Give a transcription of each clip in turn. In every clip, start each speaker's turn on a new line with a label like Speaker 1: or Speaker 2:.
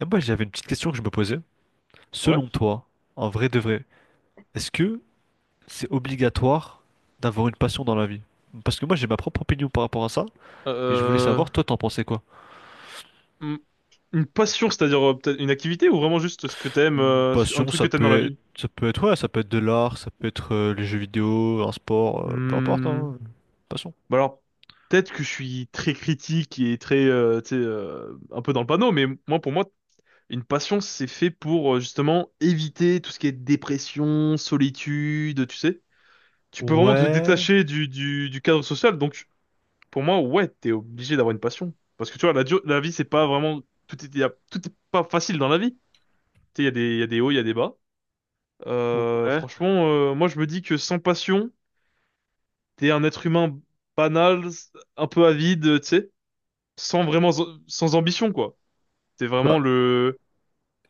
Speaker 1: Et moi, j'avais une petite question que je me posais.
Speaker 2: Ouais.
Speaker 1: Selon toi, en vrai de vrai, est-ce que c'est obligatoire d'avoir une passion dans la vie? Parce que moi, j'ai ma propre opinion par rapport à ça, mais je voulais
Speaker 2: Euh,
Speaker 1: savoir, toi, t'en pensais quoi?
Speaker 2: hmm, une passion, c'est-à-dire peut-être une activité ou vraiment juste ce que t'aimes,
Speaker 1: Une
Speaker 2: un
Speaker 1: passion,
Speaker 2: truc que t'aimes dans la vie?
Speaker 1: ouais, ça peut être de l'art, ça peut être les jeux vidéo, un sport, peu importe,
Speaker 2: Hmm,
Speaker 1: hein, passion.
Speaker 2: Bah alors, peut-être que je suis très critique et très, tu sais, un peu dans le panneau, mais moi, pour moi, une passion, c'est fait pour justement éviter tout ce qui est dépression, solitude, tu sais. Tu peux vraiment te
Speaker 1: Ouais,
Speaker 2: détacher du cadre social, donc pour moi, ouais, t'es obligé d'avoir une passion. Parce que tu vois, la vie, c'est pas vraiment, tout est pas facile dans la vie. Tu sais, il y a des hauts, il y a des bas.
Speaker 1: ouais.
Speaker 2: Franchement, moi je me dis que sans passion, t'es un être humain banal, un peu avide, tu sais, sans vraiment, sans ambition quoi. T'es
Speaker 1: Bah,
Speaker 2: vraiment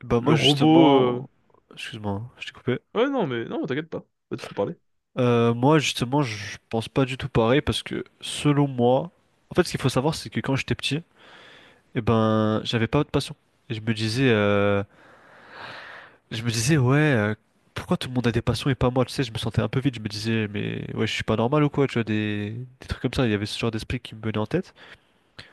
Speaker 1: bah moi,
Speaker 2: le robot.
Speaker 1: justement, excuse-moi, hein, je t'ai coupé.
Speaker 2: Ouais non mais non, t'inquiète pas. Là, tu peux parler.
Speaker 1: Moi, justement, je pense pas du tout pareil parce que selon moi, en fait, ce qu'il faut savoir, c'est que quand j'étais petit, et ben, j'avais pas de passion. Et je me disais, ouais, pourquoi tout le monde a des passions et pas moi? Tu sais, je me sentais un peu vide. Je me disais, mais ouais, je suis pas normal ou quoi? Tu vois, des trucs comme ça. Il y avait ce genre d'esprit qui me venait en tête.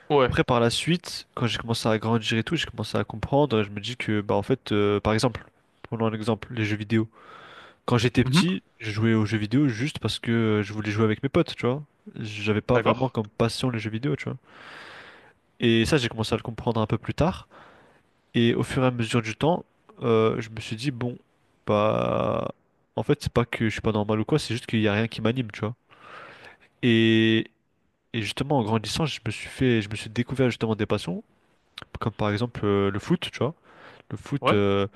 Speaker 2: Ouais.
Speaker 1: Après, par la suite, quand j'ai commencé à grandir et tout, j'ai commencé à comprendre. Je me dis que, bah, en fait, par exemple, prenons un exemple, les jeux vidéo. Quand j'étais
Speaker 2: Mhm.
Speaker 1: petit, je jouais aux jeux vidéo juste parce que je voulais jouer avec mes potes, tu vois. J'avais pas vraiment
Speaker 2: D'accord.
Speaker 1: comme passion les jeux vidéo, tu vois. Et ça, j'ai commencé à le comprendre un peu plus tard. Et au fur et à mesure du temps, je me suis dit, bon, bah, en fait, c'est pas que je suis pas normal ou quoi, c'est juste qu'il y a rien qui m'anime, tu vois. Et, et, justement, en grandissant, je me suis fait, je me suis découvert justement des passions, comme par exemple le foot, tu vois. Le foot,
Speaker 2: Ouais.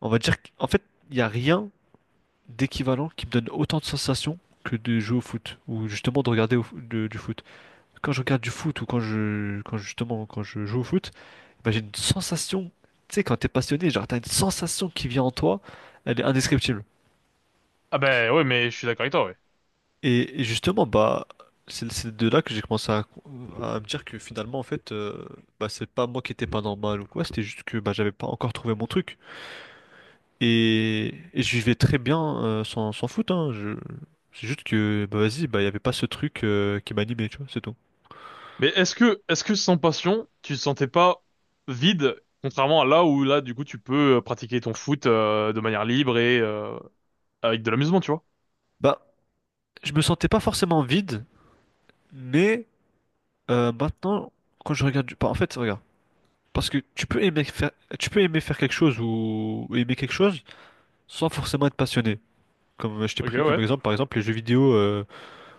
Speaker 1: on va dire qu'en fait, il y a rien d'équivalent qui me donne autant de sensations que de jouer au foot, ou justement de regarder du foot. Quand je regarde du foot ou quand je joue au foot, bah, j'ai une sensation, tu sais, quand t'es passionné, genre t'as une sensation qui vient en toi, elle est indescriptible.
Speaker 2: Ah ben ouais, mais je suis d'accord avec toi, ouais.
Speaker 1: Et, justement, bah, c'est de là que j'ai commencé à me dire que finalement, en fait, bah, c'est pas moi qui étais pas normal ou quoi, c'était juste que bah, j'avais pas encore trouvé mon truc. Et, je vivais très bien sans foot, hein, c'est juste que, bah vas-y, bah il y avait pas ce truc qui m'animait, tu vois, c'est tout.
Speaker 2: Mais est-ce que sans passion, tu te sentais pas vide, contrairement à là où là du coup tu peux pratiquer ton foot de manière libre et avec de l'amusement, tu vois?
Speaker 1: Bah, je me sentais pas forcément vide, mais maintenant, quand je regarde du... bah, en fait, regarde. Parce que tu peux aimer faire quelque chose ou aimer quelque chose sans forcément être passionné. Comme je t'ai
Speaker 2: Ok,
Speaker 1: pris comme
Speaker 2: ouais.
Speaker 1: exemple, par exemple, les jeux vidéo,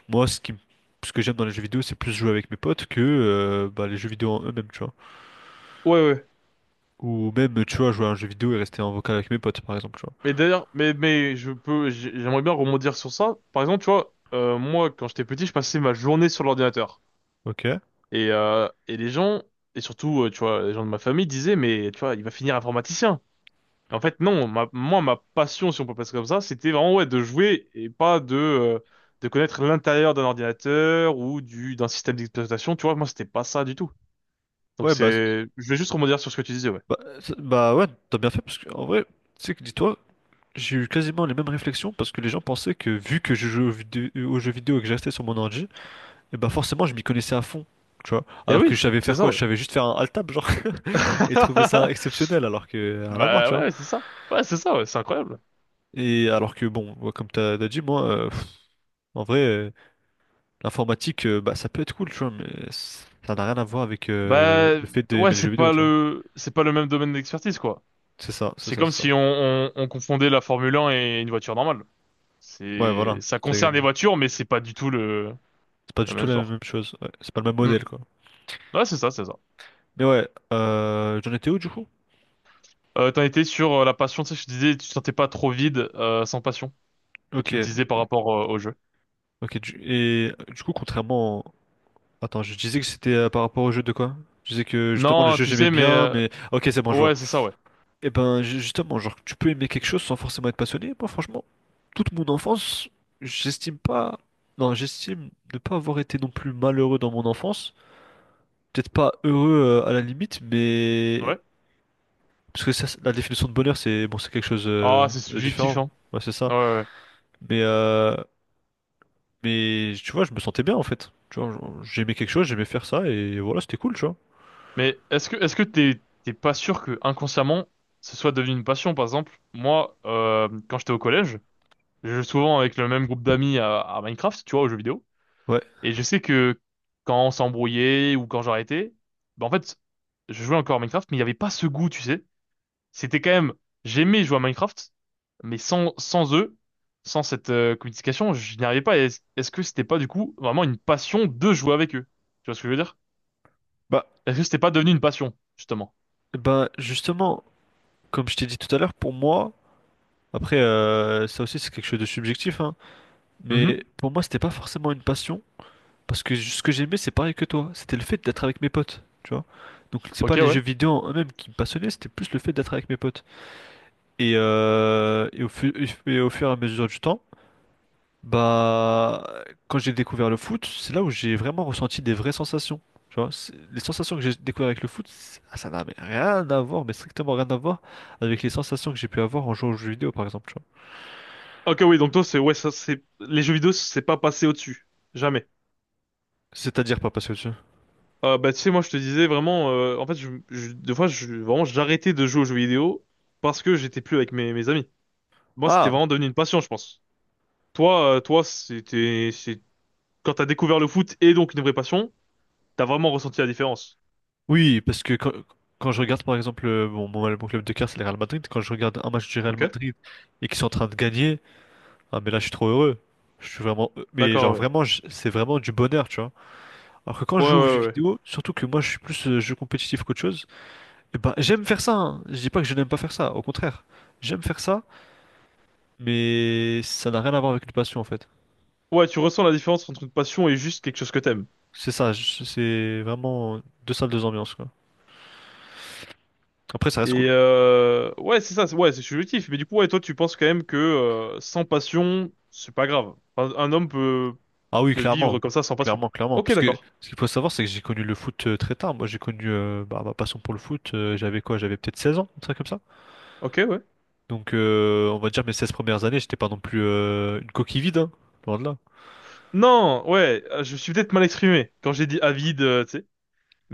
Speaker 1: moi, ce que j'aime dans les jeux vidéo, c'est plus jouer avec mes potes que les jeux vidéo en eux-mêmes, tu vois.
Speaker 2: Ouais ouais.
Speaker 1: Ou même, tu vois, jouer à un jeu vidéo et rester en vocal avec mes potes, par exemple, tu vois.
Speaker 2: Mais d'ailleurs, j'aimerais bien rebondir sur ça. Par exemple, tu vois, moi, quand j'étais petit, je passais ma journée sur l'ordinateur.
Speaker 1: Ok.
Speaker 2: Et, les gens, et surtout, tu vois, les gens de ma famille disaient, mais tu vois, il va finir informaticien. Et en fait, non, moi, ma passion, si on peut passer comme ça, c'était vraiment, ouais, de jouer et pas de, de connaître l'intérieur d'un ordinateur ou d'un système d'exploitation. Tu vois, moi, c'était pas ça du tout. Donc
Speaker 1: Ouais,
Speaker 2: c'est, je vais juste rebondir sur ce que tu disais, ouais.
Speaker 1: bah ouais, t'as bien fait, parce que, en vrai, tu sais que, dis-toi, j'ai eu quasiment les mêmes réflexions, parce que les gens pensaient que, vu que je jouais aux jeux vidéo et que je restais sur mon ordi. Et bah forcément, je m'y connaissais à fond, tu vois.
Speaker 2: Eh
Speaker 1: Alors que je
Speaker 2: oui,
Speaker 1: savais
Speaker 2: c'est
Speaker 1: faire quoi?
Speaker 2: ça,
Speaker 1: Je
Speaker 2: ouais.
Speaker 1: savais juste faire un alt tab, genre, et trouver ça exceptionnel, alors que rien à voir,
Speaker 2: Bah
Speaker 1: tu vois.
Speaker 2: ouais, c'est ça. Ouais, c'est ça, ouais, c'est incroyable.
Speaker 1: Et alors que bon, moi, comme t'as dit, moi, en vrai, l'informatique, bah ça peut être cool, tu vois, mais ça n'a rien à voir avec
Speaker 2: Bah
Speaker 1: le fait
Speaker 2: ouais,
Speaker 1: d'aimer les jeux vidéo, tu vois.
Speaker 2: c'est pas le même domaine d'expertise quoi.
Speaker 1: C'est ça, c'est
Speaker 2: C'est
Speaker 1: ça,
Speaker 2: comme
Speaker 1: c'est ça.
Speaker 2: si on confondait la Formule 1 et une voiture normale.
Speaker 1: Ouais,
Speaker 2: C'est
Speaker 1: voilà.
Speaker 2: ça
Speaker 1: C'est
Speaker 2: concerne les voitures, mais c'est pas du tout le
Speaker 1: c'est pas
Speaker 2: la
Speaker 1: du
Speaker 2: même
Speaker 1: tout la
Speaker 2: sport.
Speaker 1: même chose. Ouais. C'est pas le même
Speaker 2: Hmm.
Speaker 1: modèle, quoi.
Speaker 2: Ouais, c'est ça.
Speaker 1: Mais ouais, j'en étais où du coup?
Speaker 2: T'en étais sur la passion, tu sais, je te disais, tu te sentais pas trop vide sans passion. Et
Speaker 1: Ok,
Speaker 2: tu me disais par rapport au jeu.
Speaker 1: ok. Et du coup, contrairement attends, je disais que c'était par rapport au jeu de quoi? Je disais que justement le
Speaker 2: Non,
Speaker 1: jeu
Speaker 2: tu
Speaker 1: j'aimais
Speaker 2: sais, mais
Speaker 1: bien, mais ok c'est bon je vois.
Speaker 2: ouais, c'est ça, ouais.
Speaker 1: Et ben justement, genre tu peux aimer quelque chose sans forcément être passionné. Moi franchement, toute mon enfance, j'estime pas, non j'estime ne pas avoir été non plus malheureux dans mon enfance. Peut-être pas heureux à la limite, mais
Speaker 2: Ouais.
Speaker 1: parce que ça, la définition de bonheur c'est bon c'est quelque chose
Speaker 2: Ah, c'est
Speaker 1: de
Speaker 2: subjectif,
Speaker 1: différent.
Speaker 2: hein.
Speaker 1: Ouais c'est ça.
Speaker 2: Ouais, ouais, ouais.
Speaker 1: Mais euh, mais tu vois, je me sentais bien en fait. Tu vois, j'aimais quelque chose, j'aimais faire ça et voilà c'était cool tu vois.
Speaker 2: Mais est-ce que t'es pas sûr que inconsciemment ce soit devenu une passion, par exemple? Moi, quand j'étais au collège. Je joue souvent avec le même groupe d'amis à Minecraft, tu vois, aux jeux vidéo.
Speaker 1: Ouais.
Speaker 2: Et je sais que quand on s'embrouillait ou quand j'arrêtais, bah en fait, je jouais encore à Minecraft, mais il n'y avait pas ce goût, tu sais. C'était quand même, j'aimais jouer à Minecraft, mais sans eux, sans cette communication, je n'y arrivais pas. Et est-ce que c'était pas du coup vraiment une passion de jouer avec eux? Tu vois ce que je veux dire?
Speaker 1: Bah,
Speaker 2: Est-ce que c'était pas devenu une passion, justement?
Speaker 1: Bah justement, comme je t'ai dit tout à l'heure, pour moi, après ça aussi c'est quelque chose de subjectif, hein,
Speaker 2: Mhm.
Speaker 1: mais pour moi c'était pas forcément une passion, parce que ce que j'aimais c'est pareil que toi, c'était le fait d'être avec mes potes, tu vois. Donc c'est pas
Speaker 2: Ok,
Speaker 1: les
Speaker 2: ouais.
Speaker 1: jeux vidéo en eux-mêmes qui me passionnaient, c'était plus le fait d'être avec mes potes. Et, euh, et, au fu- et, au fur et à mesure du temps, bah, quand j'ai découvert le foot, c'est là où j'ai vraiment ressenti des vraies sensations. Tu vois, les sensations que j'ai découvert avec le foot, ah, ça n'a mais rien à voir, mais strictement rien à voir avec les sensations que j'ai pu avoir en jouant aux jeux vidéo, par exemple. Tu vois.
Speaker 2: Ok, oui, donc toi, c'est ouais, ça, c'est les jeux vidéo, c'est pas passé au-dessus, jamais.
Speaker 1: C'est-à-dire pas parce que tu...
Speaker 2: Bah, tu sais, moi, je te disais vraiment, en fait, des fois, je, vraiment, j'arrêtais de jouer aux jeux vidéo parce que j'étais plus avec mes amis. Moi, c'était
Speaker 1: Ah,
Speaker 2: vraiment devenu une passion, je pense. Toi, toi, c'est, quand t'as découvert le foot et donc une vraie passion, t'as vraiment ressenti la différence.
Speaker 1: oui, parce que quand je regarde, par exemple, bon, mon club de cœur, c'est le Real Madrid. Quand je regarde un match du Real
Speaker 2: Ok?
Speaker 1: Madrid et qu'ils sont en train de gagner, ah, mais là, je suis trop heureux. Mais genre,
Speaker 2: D'accord, ouais.
Speaker 1: vraiment, c'est vraiment du bonheur, tu vois. Alors que quand je
Speaker 2: Ouais,
Speaker 1: joue aux jeux
Speaker 2: ouais, ouais.
Speaker 1: vidéo, surtout que moi, je suis plus jeu compétitif qu'autre chose. Eh ben, j'aime faire ça, hein. Je dis pas que je n'aime pas faire ça, au contraire. J'aime faire ça, mais ça n'a rien à voir avec une passion en fait.
Speaker 2: Ouais, tu ressens la différence entre une passion et juste quelque chose que t'aimes.
Speaker 1: C'est ça, c'est vraiment deux salles, deux ambiances quoi. Après, ça reste cool.
Speaker 2: Et, ouais, ouais, c'est subjectif. Mais du coup, ouais, toi, tu penses quand même que, sans passion, c'est pas grave. Un homme
Speaker 1: Ah oui,
Speaker 2: peut vivre
Speaker 1: clairement,
Speaker 2: comme ça sans passion.
Speaker 1: clairement, clairement.
Speaker 2: Ok,
Speaker 1: Parce que
Speaker 2: d'accord.
Speaker 1: ce qu'il faut savoir, c'est que j'ai connu le foot très tard. Moi, j'ai connu bah, ma passion pour le foot. J'avais quoi? J'avais peut-être 16 ans, un truc comme ça.
Speaker 2: Ok, ouais.
Speaker 1: Donc, on va dire mes 16 premières années, j'étais pas non plus une coquille vide, hein, loin de là.
Speaker 2: Non, ouais, je me suis peut-être mal exprimé quand j'ai dit avide, tu sais.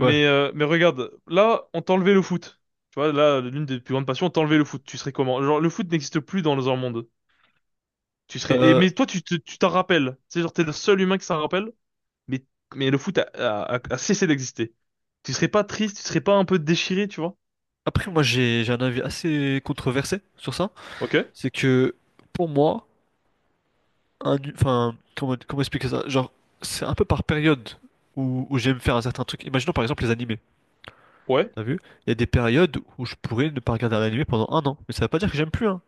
Speaker 1: Ouais.
Speaker 2: Mais regarde, là, on t'a enlevé le foot. Tu vois, là, l'une des plus grandes passions, on t'a enlevé le foot. Tu serais comment? Genre, le foot n'existe plus dans un monde. Tu serais. Et,
Speaker 1: Euh,
Speaker 2: mais toi, tu t'en rappelles. C'est genre, t'es le seul humain qui s'en rappelle. Mais, mais le foot a cessé d'exister. Tu serais pas triste, tu serais pas un peu déchiré, tu vois?
Speaker 1: Après, moi, j'ai un avis assez controversé sur ça.
Speaker 2: Ok?
Speaker 1: C'est que pour moi, enfin, comment expliquer ça? Genre, c'est un peu par période où j'aime faire un certain truc. Imaginons par exemple les animés.
Speaker 2: Ouais.
Speaker 1: T'as vu? Il y a des périodes où je pourrais ne pas regarder un animé pendant un an. Mais ça veut pas dire que j'aime plus, hein.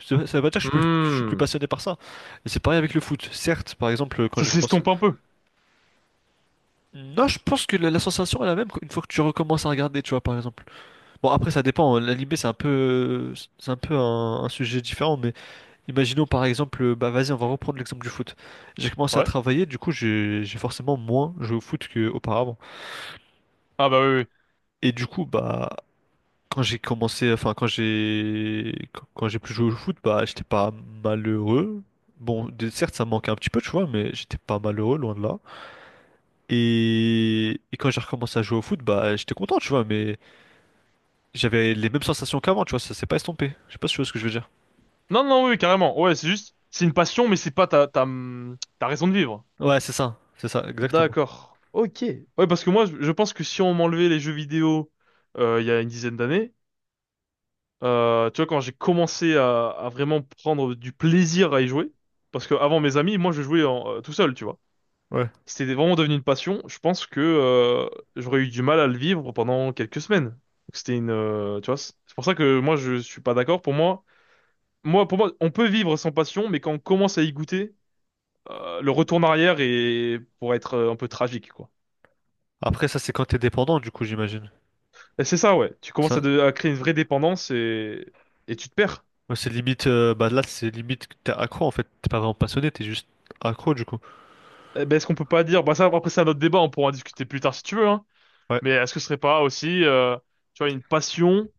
Speaker 1: Ça veut pas dire que je suis plus
Speaker 2: Hmm.
Speaker 1: passionné par ça. Et c'est pareil avec le foot. Certes, par exemple, quand
Speaker 2: Ça
Speaker 1: j'ai commencé.
Speaker 2: s'estompe un peu.
Speaker 1: Non, je pense que la sensation est la même une fois que tu recommences à regarder, tu vois, par exemple. Bon, après, ça dépend. L'animé, c'est un peu un sujet différent, mais imaginons par exemple, bah vas-y, on va reprendre l'exemple du foot. J'ai commencé à
Speaker 2: Ouais.
Speaker 1: travailler, du coup j'ai forcément moins joué au foot qu'auparavant.
Speaker 2: Ah bah oui, oui.
Speaker 1: Et du coup, bah quand j'ai commencé, enfin quand j'ai plus joué au foot, bah j'étais pas malheureux. Bon, certes ça me manquait un petit peu, tu vois, mais j'étais pas malheureux, loin de là. Et, quand j'ai recommencé à jouer au foot, bah j'étais content, tu vois, mais j'avais les mêmes sensations qu'avant, tu vois, ça s'est pas estompé. Je sais pas si tu vois ce que je veux dire.
Speaker 2: Non, non, oui, carrément. Ouais, c'est juste, c'est une passion, mais c'est pas ta raison de vivre.
Speaker 1: Ouais, c'est ça, exactement.
Speaker 2: D'accord. Ok. Ouais, parce que moi, je pense que si on m'enlevait les jeux vidéo il y a une dizaine d'années, tu vois, quand j'ai commencé à vraiment prendre du plaisir à y jouer, parce que avant mes amis, moi, je jouais tout seul, tu vois.
Speaker 1: Ouais.
Speaker 2: C'était vraiment devenu une passion. Je pense que j'aurais eu du mal à le vivre pendant quelques semaines. Donc, c'était une, tu vois, c'est pour ça que moi, je suis pas d'accord. Pour moi, on peut vivre sans passion, mais quand on commence à y goûter, le retour en arrière est pour être un peu tragique, quoi.
Speaker 1: Après ça c'est quand t'es dépendant, du coup j'imagine.
Speaker 2: Et c'est ça, ouais. Tu commences
Speaker 1: Ça,
Speaker 2: à créer une vraie dépendance et tu te perds.
Speaker 1: Ouais, c'est limite, bah là c'est limite que t'es accro en fait, t'es pas vraiment passionné, t'es juste accro du coup.
Speaker 2: Eh ben, est-ce qu'on peut pas dire, bah ça, après c'est un autre débat, on pourra en discuter plus tard si tu veux, hein.
Speaker 1: Ouais,
Speaker 2: Mais est-ce que ce serait pas aussi, tu vois, une passion?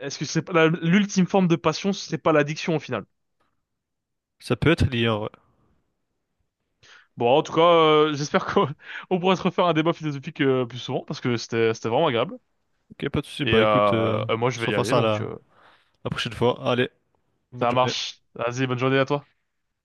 Speaker 2: Est-ce que c'est pas l'ultime forme de passion, ce serait pas l'addiction au final?
Speaker 1: ça peut être lié, hein, ouais.
Speaker 2: Bon, en tout cas, j'espère qu'on on pourra se refaire un débat philosophique plus souvent parce que c'était vraiment agréable.
Speaker 1: Ok, pas de soucis,
Speaker 2: Et
Speaker 1: bah écoute,
Speaker 2: moi,
Speaker 1: on
Speaker 2: je
Speaker 1: se
Speaker 2: vais y
Speaker 1: refera
Speaker 2: aller,
Speaker 1: ça
Speaker 2: donc
Speaker 1: la, la prochaine fois. Allez, bonne
Speaker 2: ça
Speaker 1: journée.
Speaker 2: marche. Vas-y, bonne journée à toi.